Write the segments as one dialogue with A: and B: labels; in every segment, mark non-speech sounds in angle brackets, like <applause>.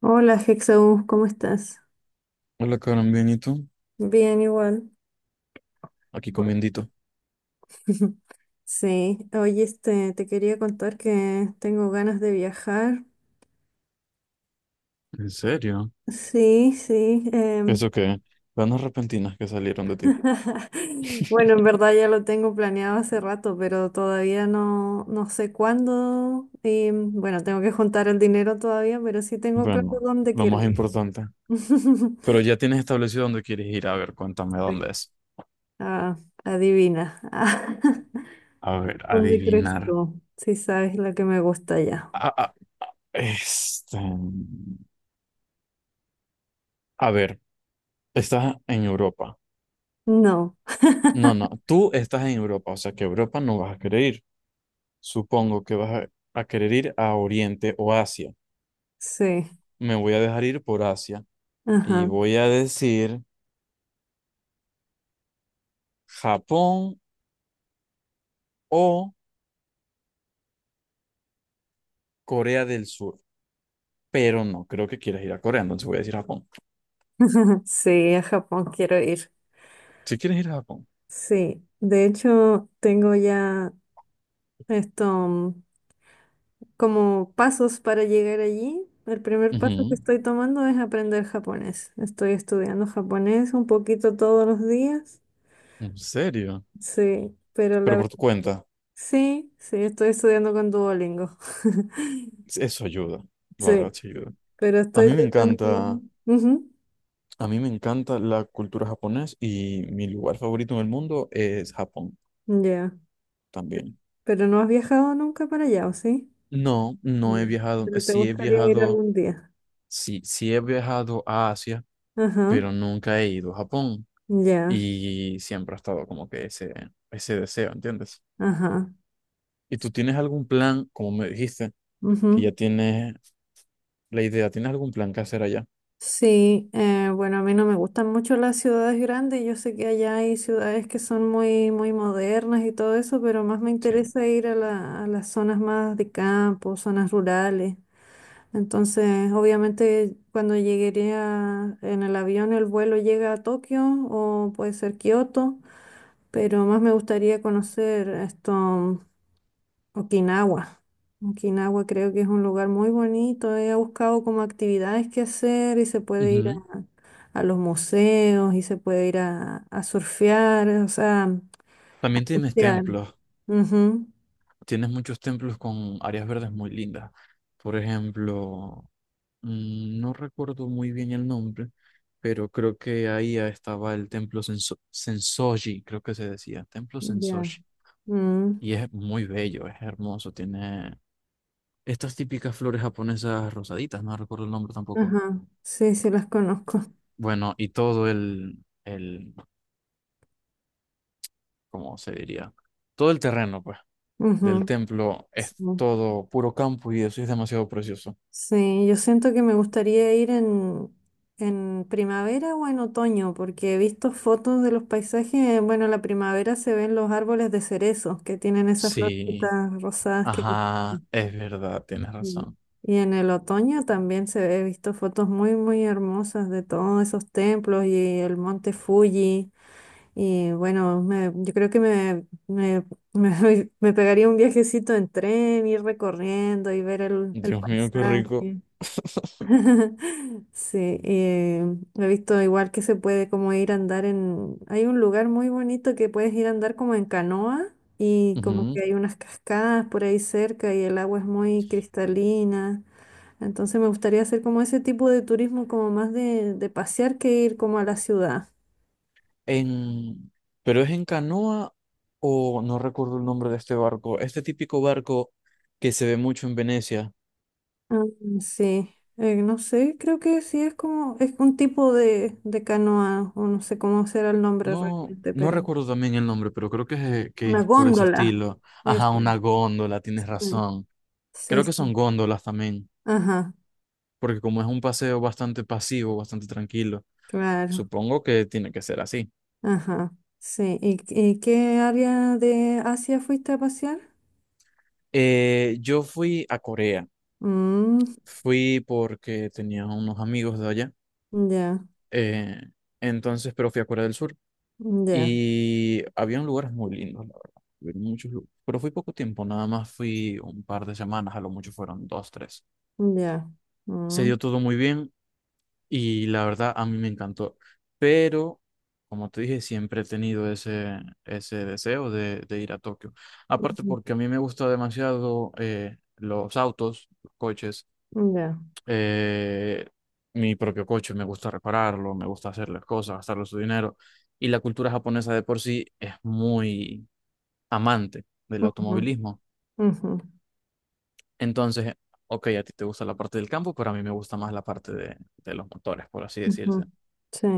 A: Hola, Hexaú, ¿cómo estás?
B: Hola, Karen, bien, ¿y tú?
A: Bien, igual.
B: Aquí
A: Bueno.
B: comiendito.
A: <laughs> Sí, oye, te quería contar que tengo ganas de viajar.
B: ¿En serio?
A: Sí, sí.
B: ¿Eso qué? Ganas repentinas que salieron de ti.
A: <laughs> Bueno, en verdad ya lo tengo planeado hace rato, pero todavía no, sé cuándo. Y bueno, tengo que juntar el dinero todavía, pero sí tengo claro
B: Bueno,
A: dónde
B: lo
A: quiero
B: más
A: ir.
B: importante.
A: <laughs>
B: Pero ya tienes establecido dónde quieres ir. A ver, cuéntame
A: Sí.
B: dónde es.
A: Ah, adivina. <laughs>
B: A ver,
A: ¿Dónde crees
B: adivinar.
A: tú? Si sabes lo que me gusta ya.
B: Ah, ah, este... A ver, estás en Europa.
A: No.
B: No, no, tú estás en Europa, o sea que a Europa no vas a querer ir. Supongo que vas a querer ir a Oriente o Asia.
A: Sí,
B: Me voy a dejar ir por Asia y
A: ajá,
B: voy a decir Japón o Corea del Sur, pero no creo que quieras ir a Corea, entonces voy a decir Japón.
A: <laughs> sí, a Japón quiero ir.
B: Si quieres ir a Japón.
A: Sí, de hecho tengo ya esto mm, como pasos para llegar allí. El primer paso que
B: Ujú.
A: estoy tomando es aprender japonés. Estoy estudiando japonés un poquito todos los días.
B: ¿En serio?
A: Sí, pero la
B: Pero por
A: verdad,
B: tu cuenta,
A: sí, sí, estoy estudiando con Duolingo. <laughs>
B: eso ayuda, la
A: Sí,
B: verdad sí ayuda.
A: pero
B: A
A: estoy
B: mí me
A: tratando.
B: encanta,
A: Ujú.
B: a mí me encanta la cultura japonesa y mi lugar favorito en el mundo es Japón
A: Ya.
B: también.
A: Pero no has viajado nunca para allá, ¿o sí?
B: No, no
A: Ya.
B: he viajado,
A: Pero te
B: sí he
A: gustaría ir
B: viajado,
A: algún día.
B: sí, sí he viajado a Asia,
A: Ajá,
B: pero nunca he ido a Japón
A: ya,
B: y siempre ha estado como que ese deseo, ¿entiendes?
A: ajá,
B: ¿Y tú tienes algún plan, como me dijiste, que
A: ujú.
B: ya tienes la idea? ¿Tienes algún plan que hacer allá?
A: Sí, bueno, a mí no me gustan mucho las ciudades grandes. Yo sé que allá hay ciudades que son muy, muy modernas y todo eso, pero más me
B: Sí.
A: interesa ir a a las zonas más de campo, zonas rurales. Entonces, obviamente, cuando llegué en el avión, el vuelo llega a Tokio o puede ser Kioto, pero más me gustaría conocer esto. Okinawa. Okinawa creo que es un lugar muy bonito. He buscado como actividades que hacer y se puede ir
B: Ujú.
A: a los museos y se puede ir a surfear. O sea,
B: También tienes
A: ya.
B: templos.
A: Ujú.
B: Tienes muchos templos con áreas verdes muy lindas. Por ejemplo, no recuerdo muy bien el nombre, pero creo que ahí estaba el templo Sensoji, creo que se decía, templo
A: Ya.
B: Sensoji.
A: Mm,
B: Y es muy bello, es hermoso, tiene estas típicas flores japonesas rosaditas, no recuerdo el nombre tampoco.
A: Ajá. Sí, sí las conozco.
B: Bueno, y todo el, ¿cómo se diría? Todo el terreno, pues. Del
A: Ujú,
B: templo
A: sí.
B: es todo puro campo y eso es demasiado precioso.
A: Sí, yo siento que me gustaría ir en primavera o en otoño, porque he visto fotos de los paisajes. Bueno, en la primavera se ven los árboles de cerezos que tienen esas
B: Sí,
A: florcitas rosadas que...
B: ajá, es verdad, tienes
A: Mm.
B: razón.
A: Y en el otoño también se he visto fotos muy, muy hermosas de todos esos templos y el monte Fuji. Y bueno, yo creo que <laughs> me pegaría un viajecito en tren, ir recorriendo y ver el
B: Dios mío, qué rico.
A: paisaje.
B: <laughs>
A: <laughs> Sí, he visto igual que se puede como ir a andar en... Hay un lugar muy bonito que puedes ir a andar como en canoa y como
B: Ujú.
A: que hay unas cascadas por ahí cerca y el agua es muy cristalina. Entonces me gustaría hacer como ese tipo de turismo como más de pasear que ir como a la ciudad.
B: En... ¿Pero es en canoa o no recuerdo el nombre de este barco? Este típico barco que se ve mucho en Venecia.
A: Ah, sí, no sé, creo que sí es como... Es un tipo de canoa o no sé cómo será el nombre
B: No,
A: realmente,
B: no
A: pero
B: recuerdo también el nombre, pero creo que que
A: una
B: es por ese
A: góndola.
B: estilo.
A: Eso,
B: Ajá, una góndola, tienes
A: sí.
B: razón.
A: Sí,
B: Creo que son
A: sí.
B: góndolas también,
A: Ajá,
B: porque como es un paseo bastante pasivo, bastante tranquilo,
A: claro.
B: supongo que tiene que ser así.
A: Ajá, sí. Y qué área de Asia fuiste a pasear?
B: Yo fui a Corea,
A: Mm,
B: fui porque tenía unos amigos de allá,
A: ya,
B: eh, entonces, pero fui a Corea del Sur
A: ya,
B: y había lugares muy lindos, la verdad, había muchos lugares, pero fui poco tiempo, nada más fui un par de semanas, a lo mucho fueron dos, tres.
A: ya.
B: Se
A: Mm,
B: dio todo muy bien, y la verdad, a mí me encantó. Pero, como te dije, siempre he tenido ese, ese deseo de ir a Tokio. Aparte
A: ujú,
B: porque a mí me gusta demasiado los autos, los coches,
A: ya.
B: eh, mi propio coche, me gusta repararlo, me gusta hacer las cosas, gastarle su dinero. Y la cultura japonesa de por sí es muy amante del
A: Ujú,
B: automovilismo.
A: ujú,
B: Entonces, ok, a ti te gusta la parte del campo, pero a mí me gusta más la parte de los motores, por así
A: ujú.
B: decirse.
A: Sí,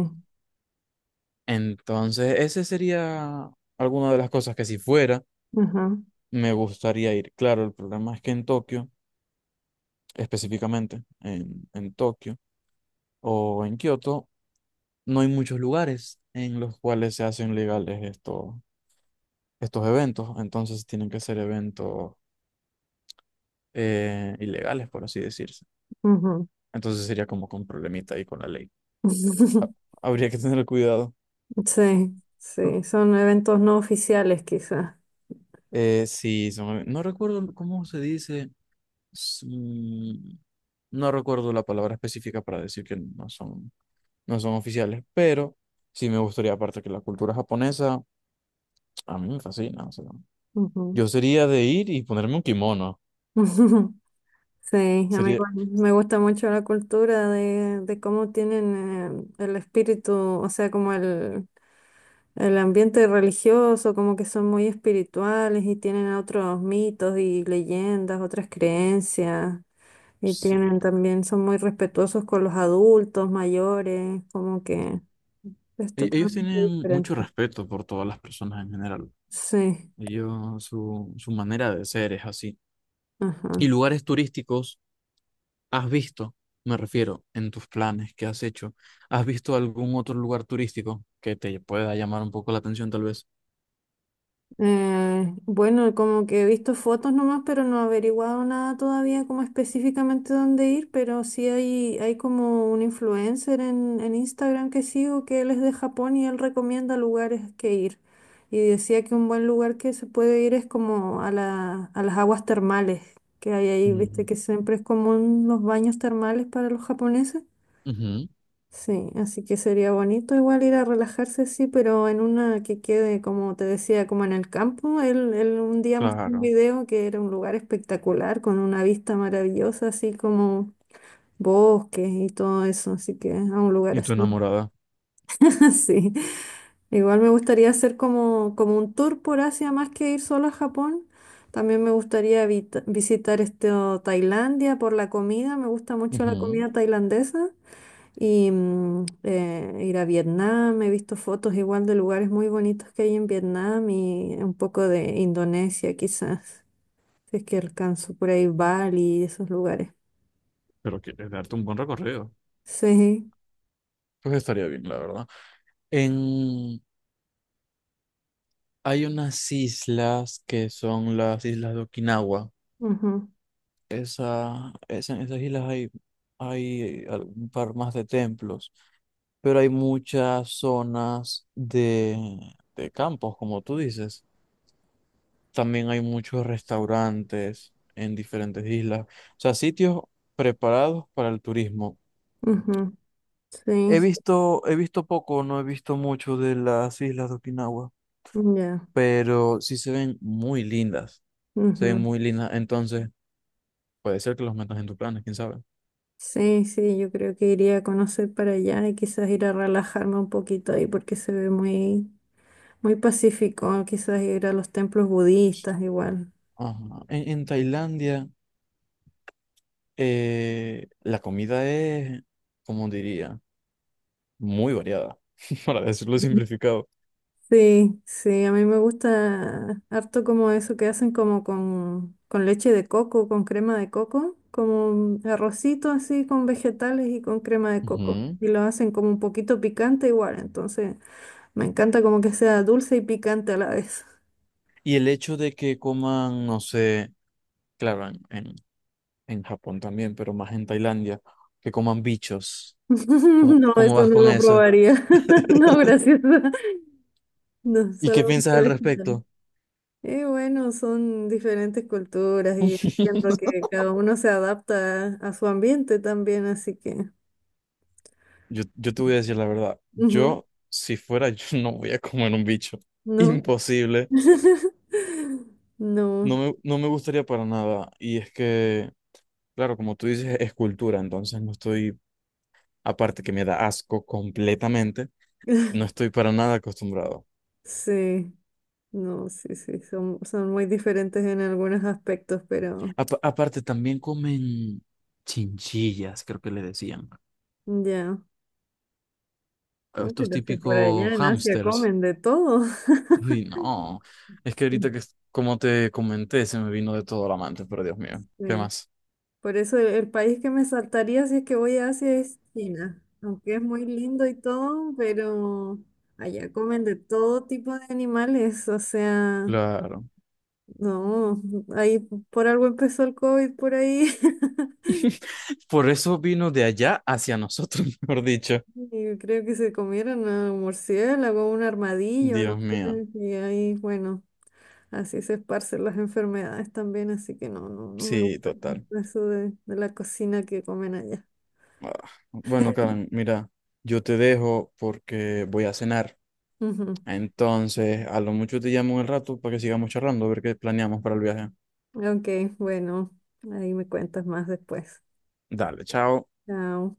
B: Entonces, ese sería alguna de las cosas que si fuera,
A: ajá,
B: me gustaría ir. Claro, el problema es que en Tokio, específicamente en Tokio o en Kioto, no hay muchos lugares en los cuales se hacen legales estos, estos eventos. Entonces, tienen que ser eventos ilegales, por así decirse.
A: ujú.
B: Entonces, sería como con problemita ahí con la ley.
A: <laughs>
B: Habría que tener cuidado.
A: Sí, sí. Son eventos no oficiales, quizás.
B: Sí, no recuerdo cómo se dice, sí, no recuerdo la palabra específica para decir que no son, no son oficiales, pero sí me gustaría, aparte que la cultura japonesa a mí me fascina. O sea,
A: Ujú.
B: yo sería de ir y ponerme un kimono.
A: <laughs> Sí, a mí
B: Sería,
A: igual me gusta mucho la cultura de cómo tienen el espíritu, o sea, como el ambiente religioso, como que son muy espirituales y tienen otros mitos y leyendas, otras creencias, y
B: sí.
A: tienen también, son muy respetuosos con los adultos, mayores, como que es
B: Ellos
A: totalmente
B: tienen mucho
A: diferente.
B: respeto por todas las personas en general.
A: Sí,
B: Ellos, su manera de ser es así.
A: ajá.
B: ¿Y lugares turísticos has visto? Me refiero, en tus planes que has hecho, ¿has visto algún otro lugar turístico que te pueda llamar un poco la atención tal vez?
A: Bueno, como que he visto fotos nomás, pero no he averiguado nada todavía como específicamente dónde ir, pero sí hay como un influencer en Instagram que sigo que él es de Japón y él recomienda lugares que ir. Y decía que un buen lugar que se puede ir es como a la, a las aguas termales que hay ahí, viste
B: Ujú,
A: que siempre es común los baños termales para los japoneses.
B: ujú.
A: Sí, así que sería bonito igual ir a relajarse, sí, pero en una que quede, como te decía, como en el campo. Él un día mostró un
B: Claro.
A: video que era un lugar espectacular, con una vista maravillosa, así como bosques y todo eso, así que a un lugar
B: Y tu
A: así.
B: enamorada.
A: <laughs> Sí, igual me gustaría hacer como, como un tour por Asia, más que ir solo a Japón. También me gustaría visitar este, o Tailandia por la comida, me gusta mucho la
B: Ujú.
A: comida tailandesa. Y ir a Vietnam, he visto fotos igual de lugares muy bonitos que hay en Vietnam y un poco de Indonesia quizás, <laughs> si es que alcanzo por ahí Bali y esos lugares.
B: Pero quieres darte un buen recorrido.
A: Sí,
B: Pues estaría bien, la verdad. En... Hay unas islas que son las islas de Okinawa.
A: ujú,
B: En esas islas hay, hay un par más de templos, pero hay muchas zonas de campos, como tú dices. También hay muchos restaurantes en diferentes islas. O sea, sitios preparados para el turismo.
A: ujú, sí, sí,
B: He visto poco, no he visto mucho de las islas de Okinawa,
A: ya,
B: pero sí se ven muy lindas. Se ven
A: ujú.
B: muy lindas. Entonces, puede ser que los metas en tus planes, quién sabe.
A: Sí, sí, yo creo que iría a conocer para allá y quizás ir a relajarme un poquito ahí porque se ve muy, muy pacífico, quizás ir a los templos budistas igual.
B: Ajá. En Tailandia, la comida es, como diría, muy variada, <laughs> para decirlo simplificado.
A: Sí, sí, a mí me gusta harto como eso que hacen como con leche de coco, con crema de coco, como un arrocito así con vegetales y con crema de coco.
B: Ujú.
A: Y lo hacen como un poquito picante igual, entonces me encanta como que sea dulce y picante a la vez.
B: Y el hecho de que coman, no sé, claro, en Japón también, pero más en Tailandia, que coman bichos. ¿Cómo,
A: <laughs> No,
B: cómo
A: eso
B: vas
A: no
B: con
A: lo
B: eso?
A: probaría. <laughs> No, gracias. No,
B: ¿Y qué piensas
A: solamente
B: al
A: vegetales.
B: respecto?
A: Y bueno, son diferentes culturas y siento
B: <laughs>
A: que cada uno se adapta a su ambiente también, así que...
B: Yo te voy a decir la verdad.
A: Ujú,
B: Yo, si fuera yo, <laughs> no voy a comer un bicho.
A: no.
B: Imposible.
A: <laughs> No.
B: No me, no me gustaría para nada. Y es que, claro, como tú dices, es cultura. Entonces no estoy, aparte que me da asco completamente, no estoy para nada acostumbrado.
A: Sí. No, sí, sí. Son, son muy diferentes en algunos aspectos, pero
B: Aparte, también comen chinchillas, creo que le decían.
A: ya.
B: A
A: No,
B: estos
A: pero si por
B: típicos
A: allá en Asia
B: hámsters.
A: comen de todo. <laughs>
B: Uy, no. Es que ahorita
A: Sí,
B: que, como te comenté, se me vino de todo la mente, pero Dios mío, ¿qué
A: sí.
B: más?
A: Por eso el país que me saltaría si es que voy a Asia es China. Aunque es muy lindo y todo, pero allá comen de todo tipo de animales. O sea,
B: Claro.
A: no. Ahí por algo empezó el COVID por ahí. <laughs>
B: <laughs> Por eso vino de allá hacia nosotros, <laughs> mejor dicho.
A: Y creo que se comieron a un murciélago, un armadillo, no
B: Dios
A: sé.
B: mío.
A: Y ahí, bueno, así se esparcen las enfermedades también, así que no, no, no me
B: Sí,
A: gusta
B: total.
A: mucho eso de la cocina que comen allá.
B: Ah, bueno, Karen, mira, yo te dejo porque voy a cenar.
A: <laughs> Ujú.
B: Entonces, a lo mucho te llamo en el rato para que sigamos charlando, a ver qué planeamos para el viaje.
A: Ok, bueno, ahí me cuentas más después.
B: Dale, chao.
A: Chao.